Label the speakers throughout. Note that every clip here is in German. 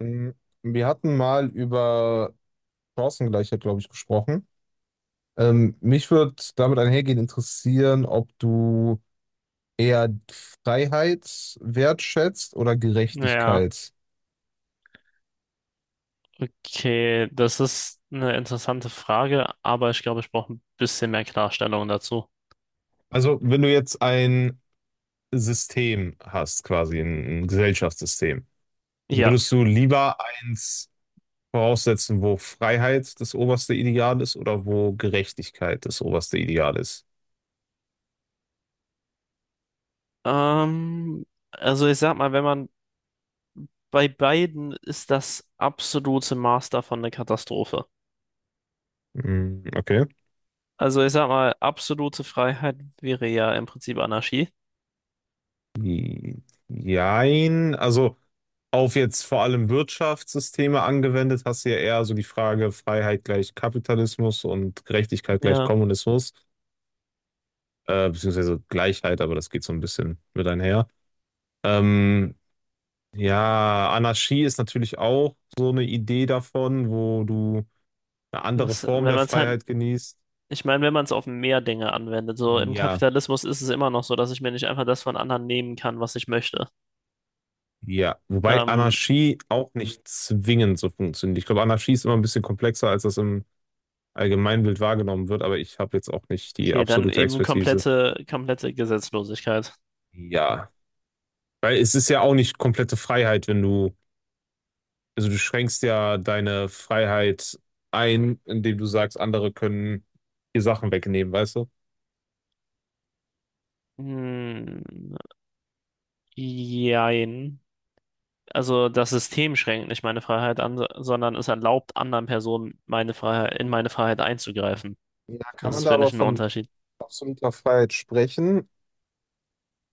Speaker 1: Mm, wir hatten mal über Chancengleichheit, glaube ich, gesprochen. Mich würde damit einhergehend interessieren, ob du eher Freiheit wertschätzt oder
Speaker 2: Ja,
Speaker 1: Gerechtigkeit.
Speaker 2: okay, das ist eine interessante Frage, aber ich glaube, ich brauche ein bisschen mehr Klarstellung dazu.
Speaker 1: Also, wenn du jetzt ein System hast, quasi ein Gesellschaftssystem,
Speaker 2: Ja,
Speaker 1: würdest du lieber eins voraussetzen, wo Freiheit das oberste Ideal ist oder wo Gerechtigkeit das oberste Ideal ist?
Speaker 2: ähm, also ich sag mal, wenn man bei beiden ist, das absolute Maß davon eine Katastrophe.
Speaker 1: Mm, okay.
Speaker 2: Also ich sag mal, absolute Freiheit wäre ja im Prinzip Anarchie.
Speaker 1: Jein, also auf jetzt vor allem Wirtschaftssysteme angewendet, hast du ja eher so die Frage Freiheit gleich Kapitalismus und Gerechtigkeit gleich
Speaker 2: Ja,
Speaker 1: Kommunismus, beziehungsweise Gleichheit, aber das geht so ein bisschen mit einher. Ähm, ja, Anarchie ist natürlich auch so eine Idee davon, wo du eine andere
Speaker 2: das,
Speaker 1: Form
Speaker 2: wenn
Speaker 1: der
Speaker 2: man es halt,
Speaker 1: Freiheit genießt.
Speaker 2: ich meine, wenn man es auf mehr Dinge anwendet, so im
Speaker 1: Ja,
Speaker 2: Kapitalismus ist es immer noch so, dass ich mir nicht einfach das von anderen nehmen kann, was ich möchte.
Speaker 1: ja. Wobei
Speaker 2: Ähm,
Speaker 1: Anarchie auch nicht zwingend so funktioniert. Ich glaube, Anarchie ist immer ein bisschen komplexer, als das im Allgemeinbild wahrgenommen wird, aber ich habe jetzt auch nicht die
Speaker 2: Okay, dann
Speaker 1: absolute
Speaker 2: eben
Speaker 1: Expertise.
Speaker 2: komplette, komplette Gesetzlosigkeit.
Speaker 1: Ja, weil es ist ja auch nicht komplette Freiheit, wenn du, also du schränkst ja deine Freiheit ein, indem du sagst, andere können dir Sachen wegnehmen, weißt du?
Speaker 2: Hm, jein. Also das System schränkt nicht meine Freiheit an, sondern es erlaubt anderen Personen meine Freiheit, in meine Freiheit einzugreifen.
Speaker 1: Ja, kann
Speaker 2: Das
Speaker 1: man
Speaker 2: ist,
Speaker 1: da
Speaker 2: finde
Speaker 1: aber
Speaker 2: ich, ein
Speaker 1: von
Speaker 2: Unterschied.
Speaker 1: absoluter Freiheit sprechen,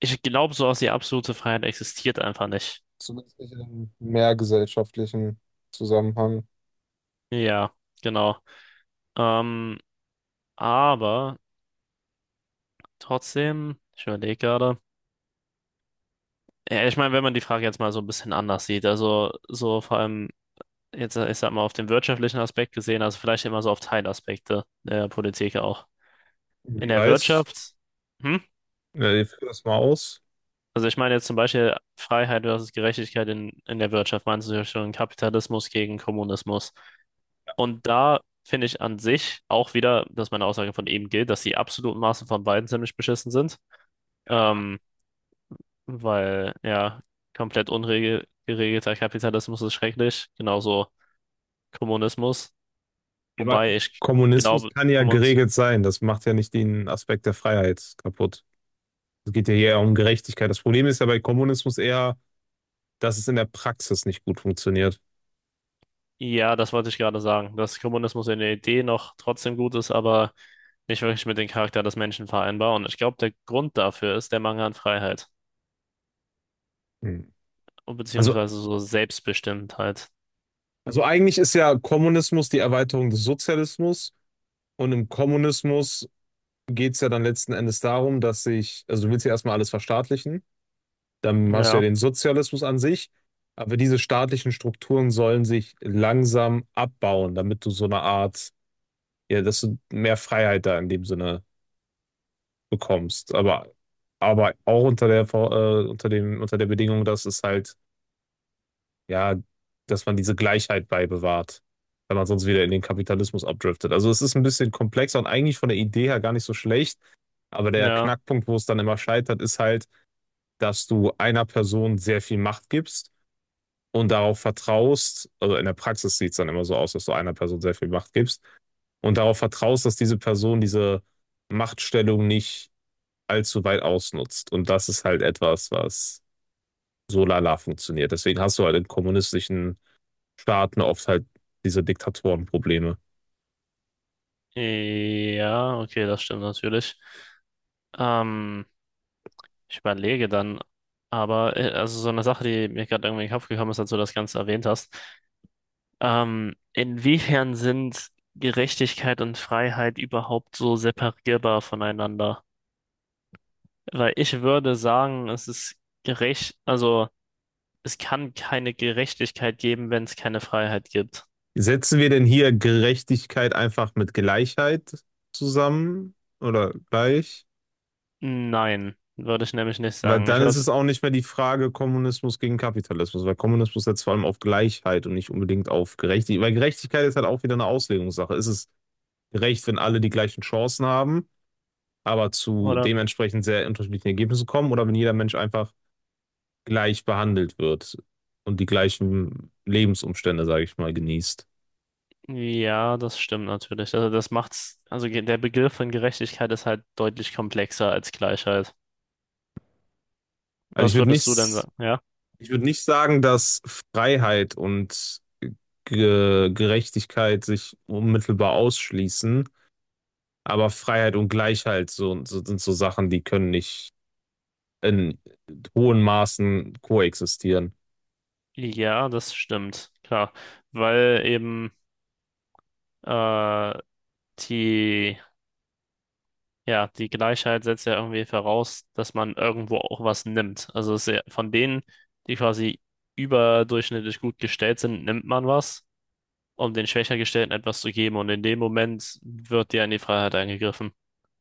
Speaker 2: Ich glaube, so sowas, die absolute Freiheit existiert einfach nicht.
Speaker 1: zumindest nicht in einem mehrgesellschaftlichen Zusammenhang.
Speaker 2: Ja, genau. Ähm, aber trotzdem, ich überlege gerade. Ja, ich meine, wenn man die Frage jetzt mal so ein bisschen anders sieht, also so vor allem. Jetzt, ich sag mal, auf den wirtschaftlichen Aspekt gesehen, also vielleicht immer so auf Teilaspekte der Politik auch. In
Speaker 1: Wie
Speaker 2: der
Speaker 1: weiß?
Speaker 2: Wirtschaft, hm?
Speaker 1: Ja, ich führe das mal aus.
Speaker 2: Also ich meine jetzt zum Beispiel Freiheit versus Gerechtigkeit in der Wirtschaft, meinst du ja schon Kapitalismus gegen Kommunismus. Und da finde ich an sich auch wieder, dass meine Aussage von eben gilt, dass die absoluten Maßen von beiden ziemlich beschissen sind. Ähm, Weil ja, komplett ungeregelter Kapitalismus ist schrecklich, genauso Kommunismus.
Speaker 1: Aber
Speaker 2: Wobei ich
Speaker 1: Kommunismus
Speaker 2: glaube,
Speaker 1: kann ja geregelt sein. Das macht ja nicht den Aspekt der Freiheit kaputt. Es geht ja eher um Gerechtigkeit. Das Problem ist ja bei Kommunismus eher, dass es in der Praxis nicht gut funktioniert.
Speaker 2: ja, das wollte ich gerade sagen, dass Kommunismus in der Idee noch trotzdem gut ist, aber nicht wirklich mit dem Charakter des Menschen vereinbar. Und ich glaube, der Grund dafür ist der Mangel an Freiheit,
Speaker 1: Hm. Also,
Speaker 2: beziehungsweise so Selbstbestimmtheit.
Speaker 1: also eigentlich ist ja Kommunismus die Erweiterung des Sozialismus, und im Kommunismus geht es ja dann letzten Endes darum, dass sich, also du willst ja erstmal alles verstaatlichen, dann hast du ja
Speaker 2: Ja,
Speaker 1: den Sozialismus an sich, aber diese staatlichen Strukturen sollen sich langsam abbauen, damit du so eine Art, ja, dass du mehr Freiheit da in dem Sinne bekommst, aber auch unter der, unter dem, unter der Bedingung, dass es halt ja, dass man diese Gleichheit beibewahrt, wenn man sonst wieder in den Kapitalismus abdriftet. Also es ist ein bisschen komplexer und eigentlich von der Idee her gar nicht so schlecht. Aber der
Speaker 2: ja,
Speaker 1: Knackpunkt, wo es dann immer scheitert, ist halt, dass du einer Person sehr viel Macht gibst und darauf vertraust, also in der Praxis sieht es dann immer so aus, dass du einer Person sehr viel Macht gibst und darauf vertraust, dass diese Person diese Machtstellung nicht allzu weit ausnutzt. Und das ist halt etwas, was so lala funktioniert. Deswegen hast du halt in kommunistischen Staaten auf halt diese Diktatorenprobleme.
Speaker 2: ja, okay, das stimmt natürlich. Ähm, Ich überlege dann, aber also so eine Sache, die mir gerade irgendwie in den Kopf gekommen ist, als du das Ganze erwähnt hast. Inwiefern sind Gerechtigkeit und Freiheit überhaupt so separierbar voneinander? Weil ich würde sagen, es ist gerecht, also es kann keine Gerechtigkeit geben, wenn es keine Freiheit gibt.
Speaker 1: Setzen wir denn hier Gerechtigkeit einfach mit Gleichheit zusammen oder gleich?
Speaker 2: Nein, würde ich nämlich nicht
Speaker 1: Weil
Speaker 2: sagen. Ich
Speaker 1: dann ist
Speaker 2: würde,
Speaker 1: es auch nicht mehr die Frage Kommunismus gegen Kapitalismus, weil Kommunismus setzt vor allem auf Gleichheit und nicht unbedingt auf Gerechtigkeit. Weil Gerechtigkeit ist halt auch wieder eine Auslegungssache. Ist es gerecht, wenn alle die gleichen Chancen haben, aber zu
Speaker 2: oder,
Speaker 1: dementsprechend sehr unterschiedlichen Ergebnissen kommen oder wenn jeder Mensch einfach gleich behandelt wird und die gleichen Lebensumstände, sage ich mal, genießt?
Speaker 2: ja, das stimmt natürlich. Also das macht's, also ge- der Begriff von Gerechtigkeit ist halt deutlich komplexer als Gleichheit.
Speaker 1: Also
Speaker 2: Was würdest du denn sagen? Ja?
Speaker 1: ich würde nicht sagen, dass Freiheit und Ge Gerechtigkeit sich unmittelbar ausschließen, aber Freiheit und Gleichheit so, so, sind so Sachen, die können nicht in hohen Maßen koexistieren.
Speaker 2: Ja, das stimmt, klar. Weil eben äh, die, ja, die Gleichheit setzt ja irgendwie voraus, dass man irgendwo auch was nimmt. Also es ist ja von denen, die quasi überdurchschnittlich gut gestellt sind, nimmt man was, um den schwächer gestellten etwas zu geben. Und in dem Moment wird dir in die Freiheit eingegriffen.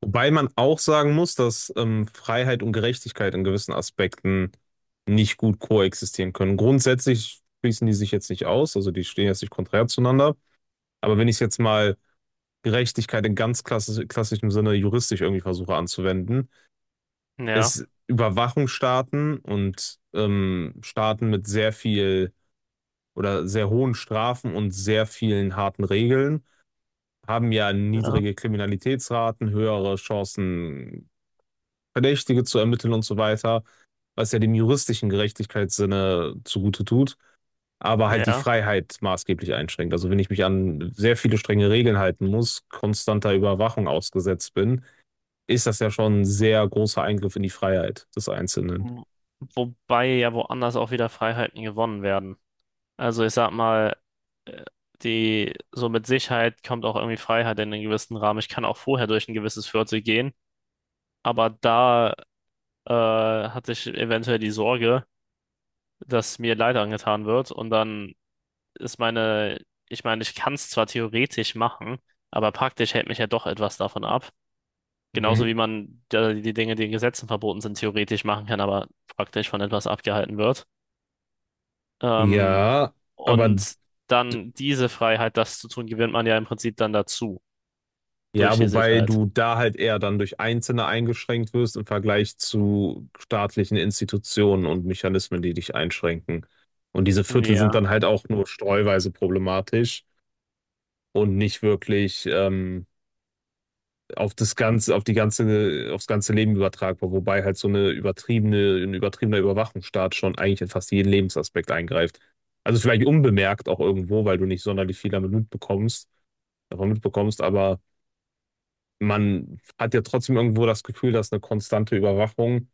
Speaker 1: Wobei man auch sagen muss, dass Freiheit und Gerechtigkeit in gewissen Aspekten nicht gut koexistieren können. Grundsätzlich schließen die sich jetzt nicht aus, also die stehen jetzt nicht konträr zueinander. Aber wenn ich es jetzt mal Gerechtigkeit in ganz klassisch, klassischem Sinne juristisch irgendwie versuche anzuwenden,
Speaker 2: Ja,
Speaker 1: ist Überwachungsstaaten und Staaten mit sehr viel oder sehr hohen Strafen und sehr vielen harten Regeln haben ja
Speaker 2: ja,
Speaker 1: niedrige Kriminalitätsraten, höhere Chancen, Verdächtige zu ermitteln und so weiter, was ja dem juristischen Gerechtigkeitssinne zugute tut, aber halt die
Speaker 2: ja.
Speaker 1: Freiheit maßgeblich einschränkt. Also wenn ich mich an sehr viele strenge Regeln halten muss, konstanter Überwachung ausgesetzt bin, ist das ja schon ein sehr großer Eingriff in die Freiheit des Einzelnen.
Speaker 2: Wo- wobei ja woanders auch wieder Freiheiten gewonnen werden. Also ich sag mal, äh, die, so mit Sicherheit kommt auch irgendwie Freiheit in einen gewissen Rahmen. Ich kann auch vorher durch ein gewisses Viertel gehen, aber da hatte ich eventuell die Sorge, dass mir Leid angetan wird. Und dann ist meine, ich kann es zwar theoretisch machen, aber praktisch hält mich ja doch etwas davon ab. Genauso wie
Speaker 1: Mhm.
Speaker 2: man die Dinge, die in Gesetzen verboten sind, theoretisch machen kann, aber praktisch von etwas abgehalten wird. Ähm,
Speaker 1: Ja, aber
Speaker 2: und dann diese Freiheit, das zu tun, gewinnt man ja im Prinzip dann dazu, durch
Speaker 1: ja,
Speaker 2: die
Speaker 1: wobei
Speaker 2: Sicherheit.
Speaker 1: du da halt eher dann durch Einzelne eingeschränkt wirst im Vergleich zu staatlichen Institutionen und Mechanismen, die dich einschränken. Und diese Viertel sind
Speaker 2: Ja,
Speaker 1: dann halt auch nur streuweise problematisch und nicht wirklich auf das ganze, auf die ganze, aufs ganze Leben übertragbar, wobei halt so eine übertriebene, ein übertriebener Überwachungsstaat schon eigentlich in fast jeden Lebensaspekt eingreift. Also vielleicht unbemerkt auch irgendwo, weil du nicht sonderlich viel damit mitbekommst, davon mitbekommst, aber man hat ja trotzdem irgendwo das Gefühl, dass eine konstante Überwachung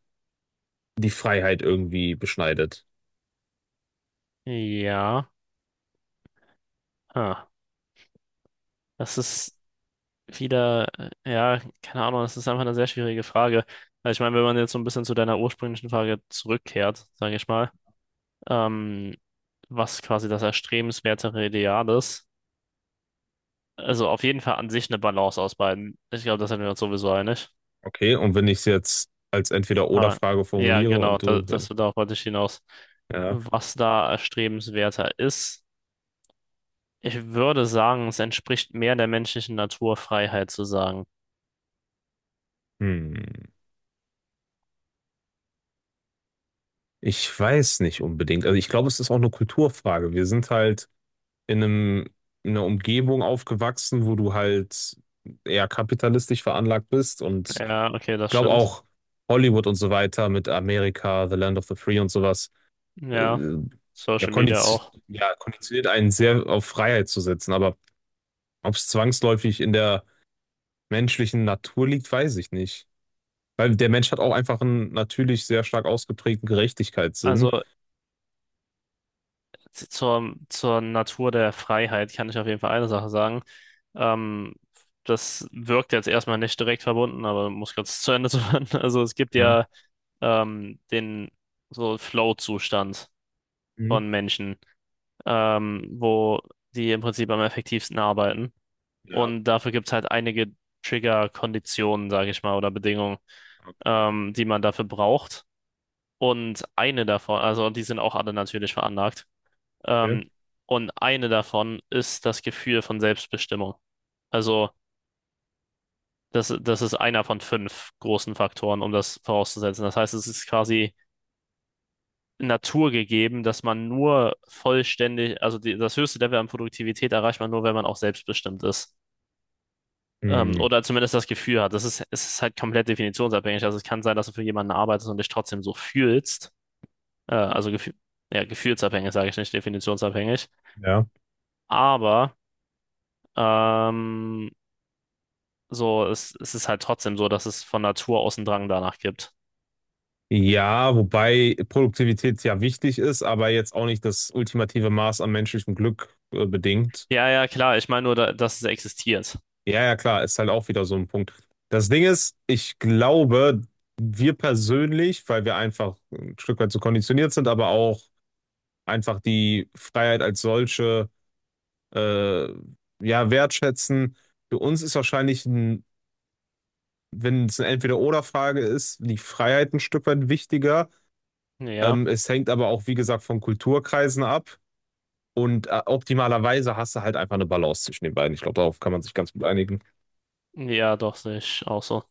Speaker 1: die Freiheit irgendwie beschneidet.
Speaker 2: ja. Ah, das ist, wieder, ja, keine Ahnung, das ist einfach eine sehr schwierige Frage. Also ich meine, wenn man jetzt so ein bisschen zu deiner ursprünglichen Frage zurückkehrt, sage ich mal, ähm, was quasi das erstrebenswertere Ideal ist, also auf jeden Fall an sich eine Balance aus beiden. Ich glaube, das sind wir uns sowieso einig.
Speaker 1: Okay, und wenn ich es jetzt als
Speaker 2: Aber
Speaker 1: Entweder-Oder-Frage
Speaker 2: ja,
Speaker 1: formuliere
Speaker 2: genau,
Speaker 1: und
Speaker 2: da,
Speaker 1: du, wenn
Speaker 2: das,
Speaker 1: ich,
Speaker 2: darauf wollte ich hinaus.
Speaker 1: ja,
Speaker 2: Was da erstrebenswerter ist, ich würde sagen, es entspricht mehr der menschlichen Natur, Freiheit zu sagen.
Speaker 1: hm, ich weiß nicht unbedingt. Also ich glaube, es ist auch eine Kulturfrage. Wir sind halt in einem, in einer Umgebung aufgewachsen, wo du halt eher kapitalistisch veranlagt bist und
Speaker 2: Ja, okay, das
Speaker 1: glaube
Speaker 2: stimmt.
Speaker 1: auch Hollywood und so weiter mit Amerika, The Land of the Free und sowas, äh,
Speaker 2: Ja,
Speaker 1: ja,
Speaker 2: Social Media
Speaker 1: kondiz
Speaker 2: auch.
Speaker 1: ja, konditioniert einen sehr auf Freiheit zu setzen. Aber ob es zwangsläufig in der menschlichen Natur liegt, weiß ich nicht. Weil der Mensch hat auch einfach einen natürlich sehr stark ausgeprägten
Speaker 2: Also
Speaker 1: Gerechtigkeitssinn.
Speaker 2: Z- zur, zur Natur der Freiheit kann ich auf jeden Fall eine Sache sagen. Ähm, Das wirkt jetzt erstmal nicht direkt verbunden, aber muss kurz zu Ende zu hören. Also es gibt
Speaker 1: Ja.
Speaker 2: ja den so Flow-Zustand
Speaker 1: Mhm.
Speaker 2: von Menschen, wo die im Prinzip am effektivsten arbeiten.
Speaker 1: Ja,
Speaker 2: Und dafür gibt es halt einige Trigger-Konditionen, sage ich mal, oder Bedingungen,
Speaker 1: okay.
Speaker 2: die man dafür braucht. Und eine davon, also und die sind auch alle natürlich veranlagt.
Speaker 1: Okay.
Speaker 2: Ähm, und eine davon ist das Gefühl von Selbstbestimmung. Also, das, das ist einer von 5 großen Faktoren, um das vorauszusetzen. Das heißt, es ist quasi naturgegeben, dass man nur vollständig, also die, das höchste Level an Produktivität erreicht man nur, wenn man auch selbstbestimmt ist.
Speaker 1: Hm,
Speaker 2: Oder zumindest das Gefühl hat. Das ist, es ist halt komplett definitionsabhängig. Also es kann sein, dass du für jemanden arbeitest und dich trotzdem so fühlst. Also Gefühl, ja, gefühlsabhängig, sage ich nicht, definitionsabhängig.
Speaker 1: ja.
Speaker 2: Aber ähm, so, es ist halt trotzdem so, dass es von Natur aus einen Drang danach gibt.
Speaker 1: Ja, wobei Produktivität ja wichtig ist, aber jetzt auch nicht das ultimative Maß an menschlichem Glück bedingt.
Speaker 2: Ja, ja, klar. Ich meine nur, da, dass es existiert.
Speaker 1: Ja, ja, klar, ist halt auch wieder so ein Punkt. Das Ding ist, ich glaube, wir persönlich, weil wir einfach ein Stück weit so konditioniert sind, aber auch einfach die Freiheit als solche äh, ja wertschätzen. Für uns ist wahrscheinlich ein, wenn es eine Entweder-Oder-Frage ist, die Freiheit ein Stück weit wichtiger.
Speaker 2: Ja,
Speaker 1: Es hängt aber auch, wie gesagt, von Kulturkreisen ab. Und optimalerweise hast du halt einfach eine Balance zwischen den beiden. Ich glaube, darauf kann man sich ganz gut einigen.
Speaker 2: ja, doch, sehe ich auch so.